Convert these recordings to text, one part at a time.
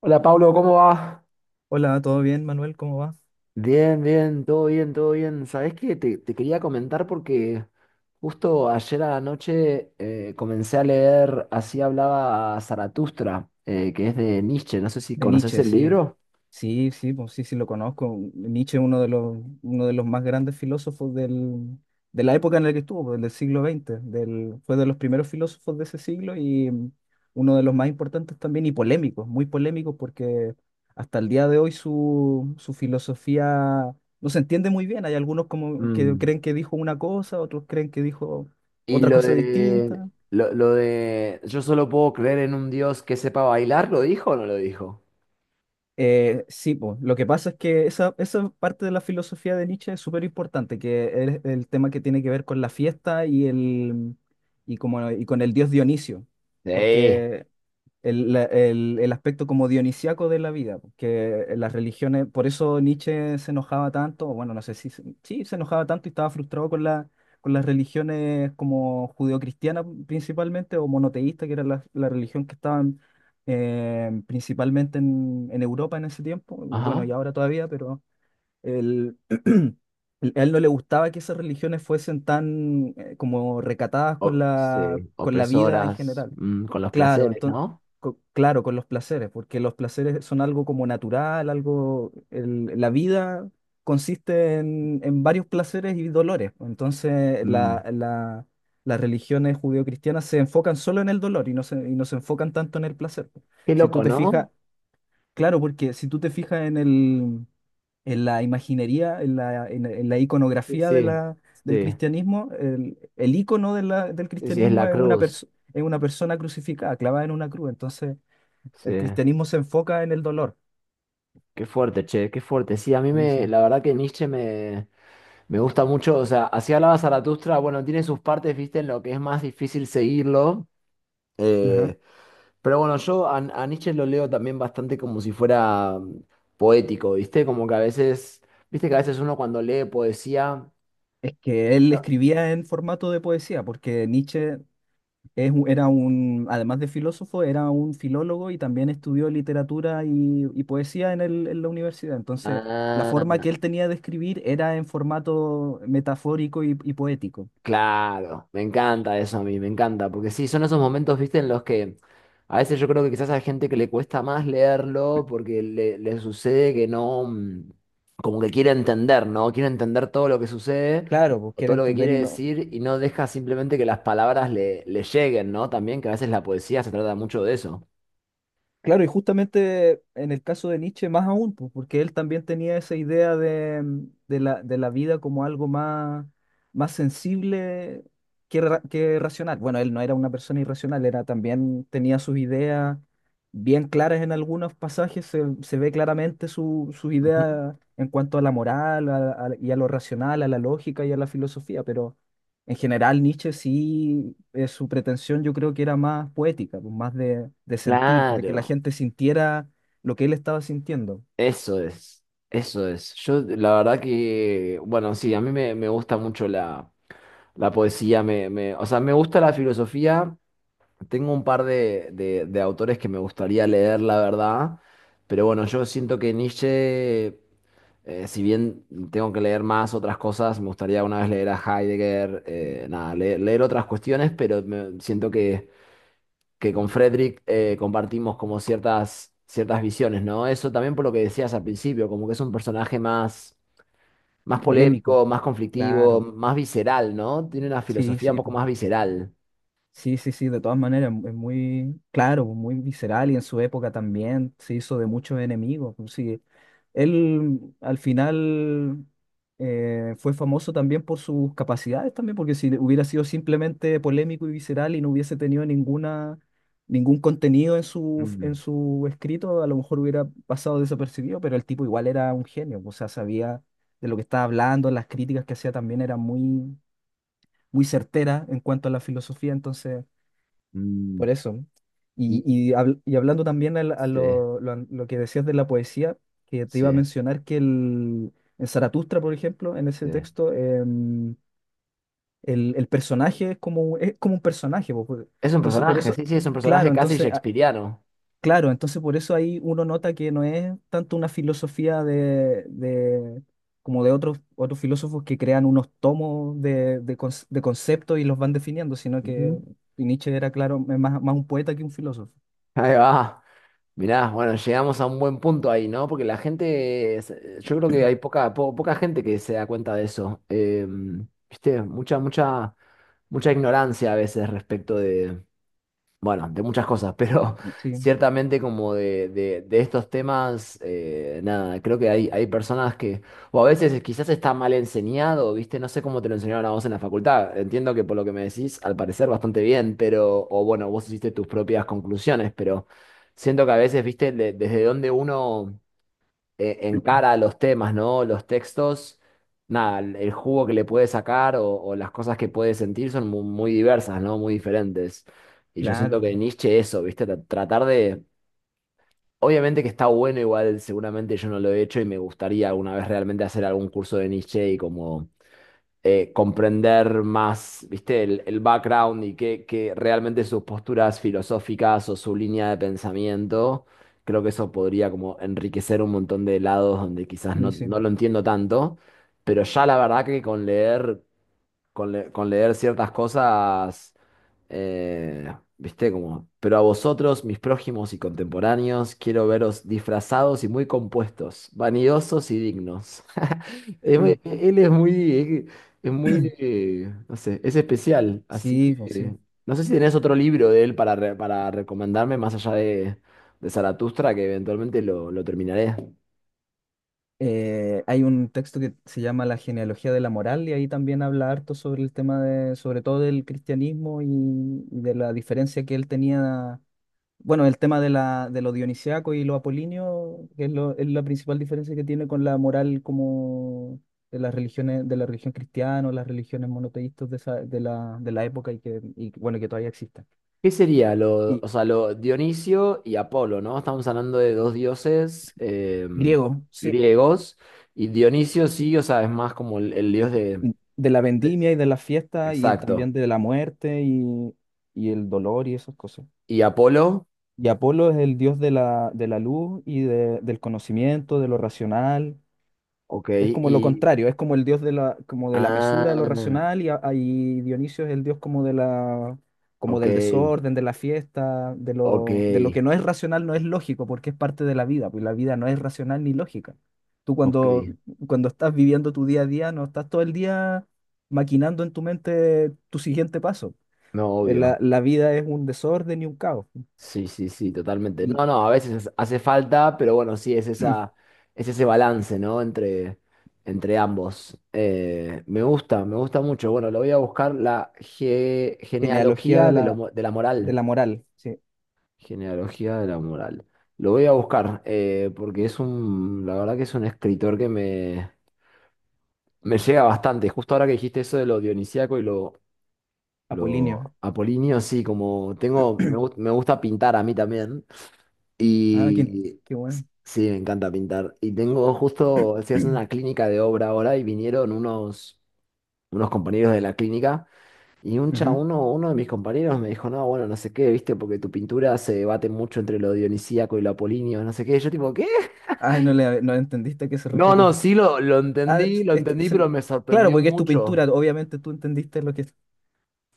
Hola Pablo, ¿cómo va? Hola, ¿todo bien, Manuel? ¿Cómo va? Bien, bien, todo bien, todo bien. ¿Sabés qué? Te quería comentar porque justo ayer a la noche comencé a leer Así hablaba Zaratustra, que es de Nietzsche. No sé si De conoces Nietzsche, el sí. libro. Sí, sí, pues sí, sí lo conozco. Nietzsche es uno de los más grandes filósofos del, de la época en la que estuvo, pues, del siglo XX. Del, fue de los primeros filósofos de ese siglo y uno de los más importantes también y polémicos, muy polémicos porque hasta el día de hoy su filosofía no se entiende muy bien. Hay algunos como que Mm. creen que dijo una cosa, otros creen que dijo Y otra lo cosa de, distinta. lo de yo solo puedo creer en un Dios que sepa bailar, ¿lo dijo o no lo dijo? Sí, pues, lo que pasa es que esa parte de la filosofía de Nietzsche es súper importante, que es el tema que tiene que ver con la fiesta y con el dios Dionisio, Sí. porque el aspecto como dionisiaco de la vida, que las religiones, por eso Nietzsche se enojaba tanto, o bueno, no sé si, se- sí, se enojaba tanto y estaba frustrado con las religiones como judeocristiana principalmente o monoteísta, que era la religión que estaba principalmente en Europa en ese tiempo, y bueno, Ajá. y ahora todavía, pero el- a él no le gustaba que esas religiones fuesen tan como recatadas con O- sí. Con la vida en Opresoras, general. mm, con los Claro, placeres, entonces, ¿no? claro, con los placeres, porque los placeres son algo como natural, algo, la vida consiste en varios placeres y dolores, pues. Entonces, Mm. Las religiones judeocristianas se enfocan solo en el dolor y y no se enfocan tanto en el placer, pues. Qué Si tú loco, te fijas, ¿no? claro, porque si tú te fijas en en la imaginería, en la Sí, iconografía de sí, del sí, cristianismo, el icono de del sí, sí, es cristianismo la es cruz. Es una persona crucificada, clavada en una cruz. Entonces, Sí, el cristianismo se enfoca en el dolor. qué fuerte, che, qué fuerte. Sí, a mí Sí, me, sí, la verdad que Nietzsche me, me gusta mucho. O sea, así hablaba Zaratustra, bueno, tiene sus partes, viste, en lo que es más difícil seguirlo. ajá. eh, pero bueno, yo a Nietzsche lo leo también bastante como si fuera mm, poético, viste, como que a veces, viste que a veces uno cuando lee poesía. Es que él escribía en formato de poesía, porque Nietzsche era un, además de filósofo, era un filólogo y también estudió literatura y poesía en en la universidad. Entonces, la Ah, forma que él tenía de escribir era en formato metafórico y poético. claro, me encanta eso a mí, me encanta, porque sí, son esos momentos, viste, en los que a veces yo creo que quizás hay gente que le cuesta más leerlo porque le sucede que no, mm, como que quiere entender, ¿no? Quiere entender todo lo que sucede Claro, pues o quiere todo lo que entender quiere y no. decir y no deja simplemente que las palabras le, le lleguen, ¿no? También que a veces la poesía se trata mucho de eso. Claro, y justamente en el caso de Nietzsche más aún, pues, porque él también tenía esa idea de, de la vida como algo más, más sensible que racional. Bueno, él no era una persona irracional, era también tenía sus ideas bien claras en algunos pasajes, se ve claramente su Ujú. idea en cuanto a la moral y a lo racional, a la lógica y a la filosofía. Pero en general, Nietzsche sí, su pretensión yo creo que era más poética, pues, más de sentir, de que la Claro, gente sintiera lo que él estaba sintiendo. eso es, eso es. Yo la verdad que, bueno, sí, a mí me, me gusta mucho la... La poesía me, me- o sea, me gusta la filosofía. Tengo un par de autores que me gustaría leer, la verdad. Pero bueno, yo siento que Nietzsche, si bien tengo que leer más otras cosas, me gustaría una vez leer a Heidegger, nada, le- leer, otras cuestiones, pero me- siento que con Friedrich compartimos como ciertas, ciertas visiones, ¿no? Eso también por lo que decías al principio, como que es un personaje más, más Polémico, polémico, más claro. conflictivo, más visceral, ¿no? Tiene una Sí, filosofía un sí, poco pues. más visceral. Sí, sí, sí, de todas maneras, es muy claro, muy visceral y en su época también se hizo de muchos enemigos, pues. Sí, él al final fue famoso también por sus capacidades también, porque si hubiera sido simplemente polémico y visceral y no hubiese tenido ningún contenido en en Mm, su escrito, a lo mejor hubiera pasado desapercibido, pero el tipo igual era un genio, o sea, sabía de lo que estaba hablando, las críticas que hacía también eran muy, muy certeras en cuanto a la filosofía, entonces... mm, Por eso. Y Y hablando también al- a, sí, lo an- lo que decías de la poesía, que te iba a sí, mencionar en Zaratustra, por ejemplo, en ese sí. texto, el personaje es como un personaje. Es un Entonces, por personaje, eso, sí, sí, es un claro, personaje casi entonces, ah, shakespeariano. claro, entonces por eso ahí uno nota que no es tanto una filosofía como de otros, otros filósofos que crean unos tomos de conceptos y los van definiendo, sino Ujú. que Nietzsche era, claro, más, más un poeta que un filósofo. Ahí va. Mirá, bueno, llegamos a un buen punto ahí, ¿no? Porque la gente, es- yo creo que hay poca, po- poca gente que se da cuenta de eso. Viste, mucha, mucha, mucha ignorancia a veces respecto bueno, de muchas cosas, pero Sí, ciertamente como de estos temas, nada, creo que hay personas que, o a veces quizás está mal enseñado, ¿viste? No sé cómo te lo enseñaron a vos en la facultad. Entiendo que por lo que me decís, al parecer bastante bien, pero, o bueno, vos hiciste tus propias conclusiones, pero siento que a veces, ¿viste? De- desde donde uno encara a los temas, ¿no? Los textos, nada, el jugo que le puede sacar o las cosas que puede sentir son mu- muy, diversas, ¿no? Muy diferentes. Y yo siento claro, que Nietzsche eso, ¿viste? Tra- Tratar de... Obviamente que está bueno, igual seguramente yo no lo he hecho y me gustaría alguna vez realmente hacer algún curso de Nietzsche y como comprender más, ¿viste? El background y qué, qué realmente sus posturas filosóficas o su línea de pensamiento. Creo que eso podría como enriquecer un montón de lados donde quizás sí, no, sí, no lo entiendo tanto, pero ya la verdad que con leer con, le- con leer ciertas cosas, eh, viste, como, pero a vosotros, mis prójimos y contemporáneos, quiero veros disfrazados y muy compuestos, vanidosos y dignos. Es sí, muy- él es muy, no sé, es especial, así que sí, pues sí. no sé si tenés otro libro de él para, re- para recomendarme más allá de Zaratustra, que eventualmente lo terminaré. Hay un texto que se llama La genealogía de la moral y ahí también habla harto sobre el tema de, sobre todo del cristianismo y de la diferencia que él tenía, bueno, el tema de de lo dionisiaco y lo apolíneo, que es, es la principal diferencia que tiene con la moral como de las religiones, de la religión cristiana o las religiones monoteístas de la época bueno, que todavía existen. ¿Qué sería lo, Y o sea, lo Dionisio y Apolo, ¿no? Estamos hablando de dos dioses griego, sí, griegos y Dionisio sí, o sea, es más como el dios de la de- vendimia y de la fiesta y también Exacto. de la muerte y el dolor y esas cosas. ¿Y Apolo? Y Apolo es el dios de de la luz y del conocimiento, de lo racional, Ok, es como lo y... contrario, es como el dios de como de la mesura, de Ah, lo racional. Y Dionisio es el dios como de como ok, del desorden, de la fiesta, ok, de lo que no es racional, no es lógico, porque es parte de la vida, pues la vida no es racional ni lógica. Tú ok. cuando, Cuando estás viviendo tu día a día, no estás todo el día maquinando en tu mente tu siguiente paso. No, obvio. La vida es un desorden y un caos. Sí, sí, sí, totalmente. Y No, no, a veces hace falta, pero bueno, sí, es esa, es ese balance, ¿no? Entre, entre ambos. Me gusta mucho. Bueno, lo voy a buscar la ge- genealogía de genealogía de, lo mo- de la de moral. la moral, sí, Genealogía de la moral. Lo voy a buscar, porque es un, la verdad que es un escritor que me llega bastante. Justo ahora que dijiste eso de lo dionisíaco y Apolinio. lo apolíneo, sí, como tengo, me, gust- me gusta pintar a mí también. Ah, qué, Y qué s- bueno. sí, me encanta pintar. Y tengo justo, estoy haciendo una clínica de obra ahora y vinieron unos, unos compañeros de la clínica y un cha, Ujú. uno, uno de mis compañeros me dijo, no, bueno, no sé qué, viste, porque tu pintura se debate mucho entre lo dionisíaco y lo apolinio, no sé qué. Yo tipo, ¿qué? Ay, no entendiste a qué se No, no, refería. sí Ah, lo entendí, pero me claro, sorprendió porque es tu mucho. pintura, obviamente tú entendiste lo que es.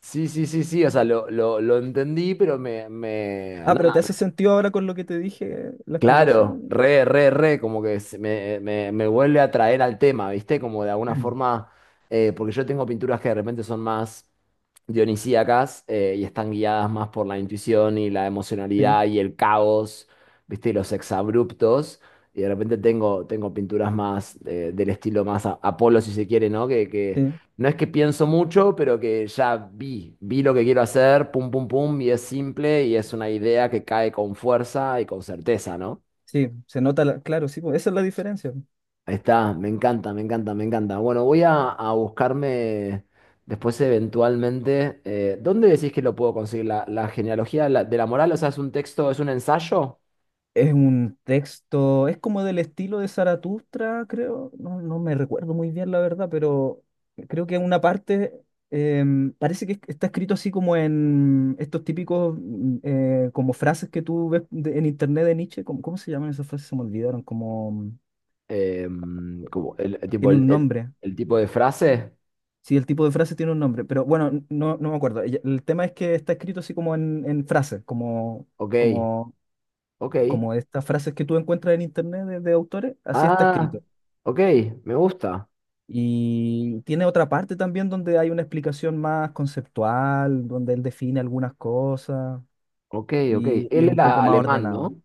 Sí, sí, sí, sí, o sea, lo entendí, pero me, Ah, pero ¿te nada, hace sentido ahora con lo que te dije, la claro, explicación? re, re, re, como que se- me- me vuelve a traer al tema, ¿viste? Como de alguna forma, porque yo tengo pinturas que de repente son más dionisíacas y están guiadas más por la intuición y la Sí, emocionalidad y el caos, ¿viste? Y los exabruptos. Y de repente tengo, tengo pinturas más del estilo más a- Apolo, si se quiere, ¿no? Que sí, no es que pienso mucho, pero que ya vi, vi lo que quiero hacer, pum, pum, pum, y es simple y es una idea que cae con fuerza y con certeza, ¿no? sí, se nota, claro, sí, pues, esa es la diferencia. Ahí está, me encanta, me encanta, me encanta. Bueno, voy a buscarme después eventualmente. ¿Dónde decís que lo puedo conseguir? La genealogía de la moral, o sea, es un texto, es un ensayo, Es un texto, es como del estilo de Zaratustra, creo. No, no me recuerdo muy bien la verdad, pero creo que una parte parece que está escrito así como en estos típicos como frases que tú ves en internet de Nietzsche. ¿Cómo, cómo se llaman esas frases? Se me olvidaron, como Eh, como tiene un nombre. el tipo de frase. Sí, el tipo de frase tiene un nombre, pero bueno, no me acuerdo. Y el tema es que está escrito así como en frases, como, Ok, como, ok. como estas frases que tú encuentras en internet de autores, así está Ah, escrito. ok, me gusta. Y tiene otra parte también donde hay una explicación más conceptual, donde él define algunas cosas Ok, ok. Y Él es un poco era más alemán, ordenado. ¿no?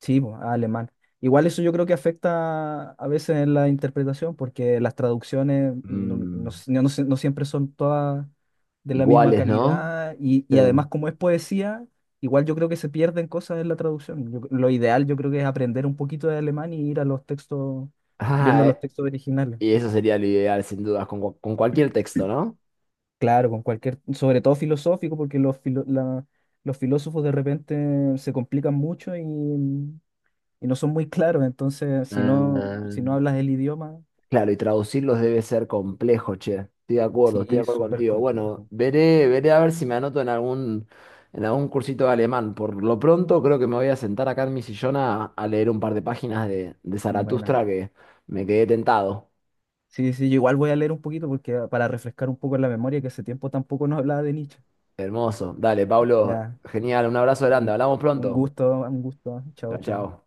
Sí, pues, alemán. Igual eso yo creo que afecta a veces en la interpretación porque las traducciones Mm, no siempre son todas de la misma iguales, ¿no? calidad Sí. y además como es poesía, igual yo creo que se pierden cosas en la traducción. Lo ideal yo creo que es aprender un poquito de alemán y ir a los textos, viendo Ah, los textos originales. y eso sería lo ideal, sin dudas, con, cu- con cualquier texto, ¿no? Claro, con cualquier, sobre todo filosófico, porque los filósofos de repente se complican mucho y no son muy claros, entonces Ah, si no hablas el idioma, claro, y traducirlos debe ser complejo, che. Sí, Estoy de es acuerdo súper contigo. Bueno, complejo. veré, veré a ver si me anoto en algún cursito de alemán. Por lo pronto, creo que me voy a sentar acá en mi sillón a leer un par de páginas de Buena. Zaratustra que me quedé tentado. Sí, sí, yo igual voy a leer un poquito porque para refrescar un poco la memoria, que hace tiempo tampoco no hablaba de Nietzsche. Hermoso. Dale, Pablo, Ya, genial, un abrazo grande. un Hablamos un pronto. gusto, un gusto. Chao, Chao, chao. chao.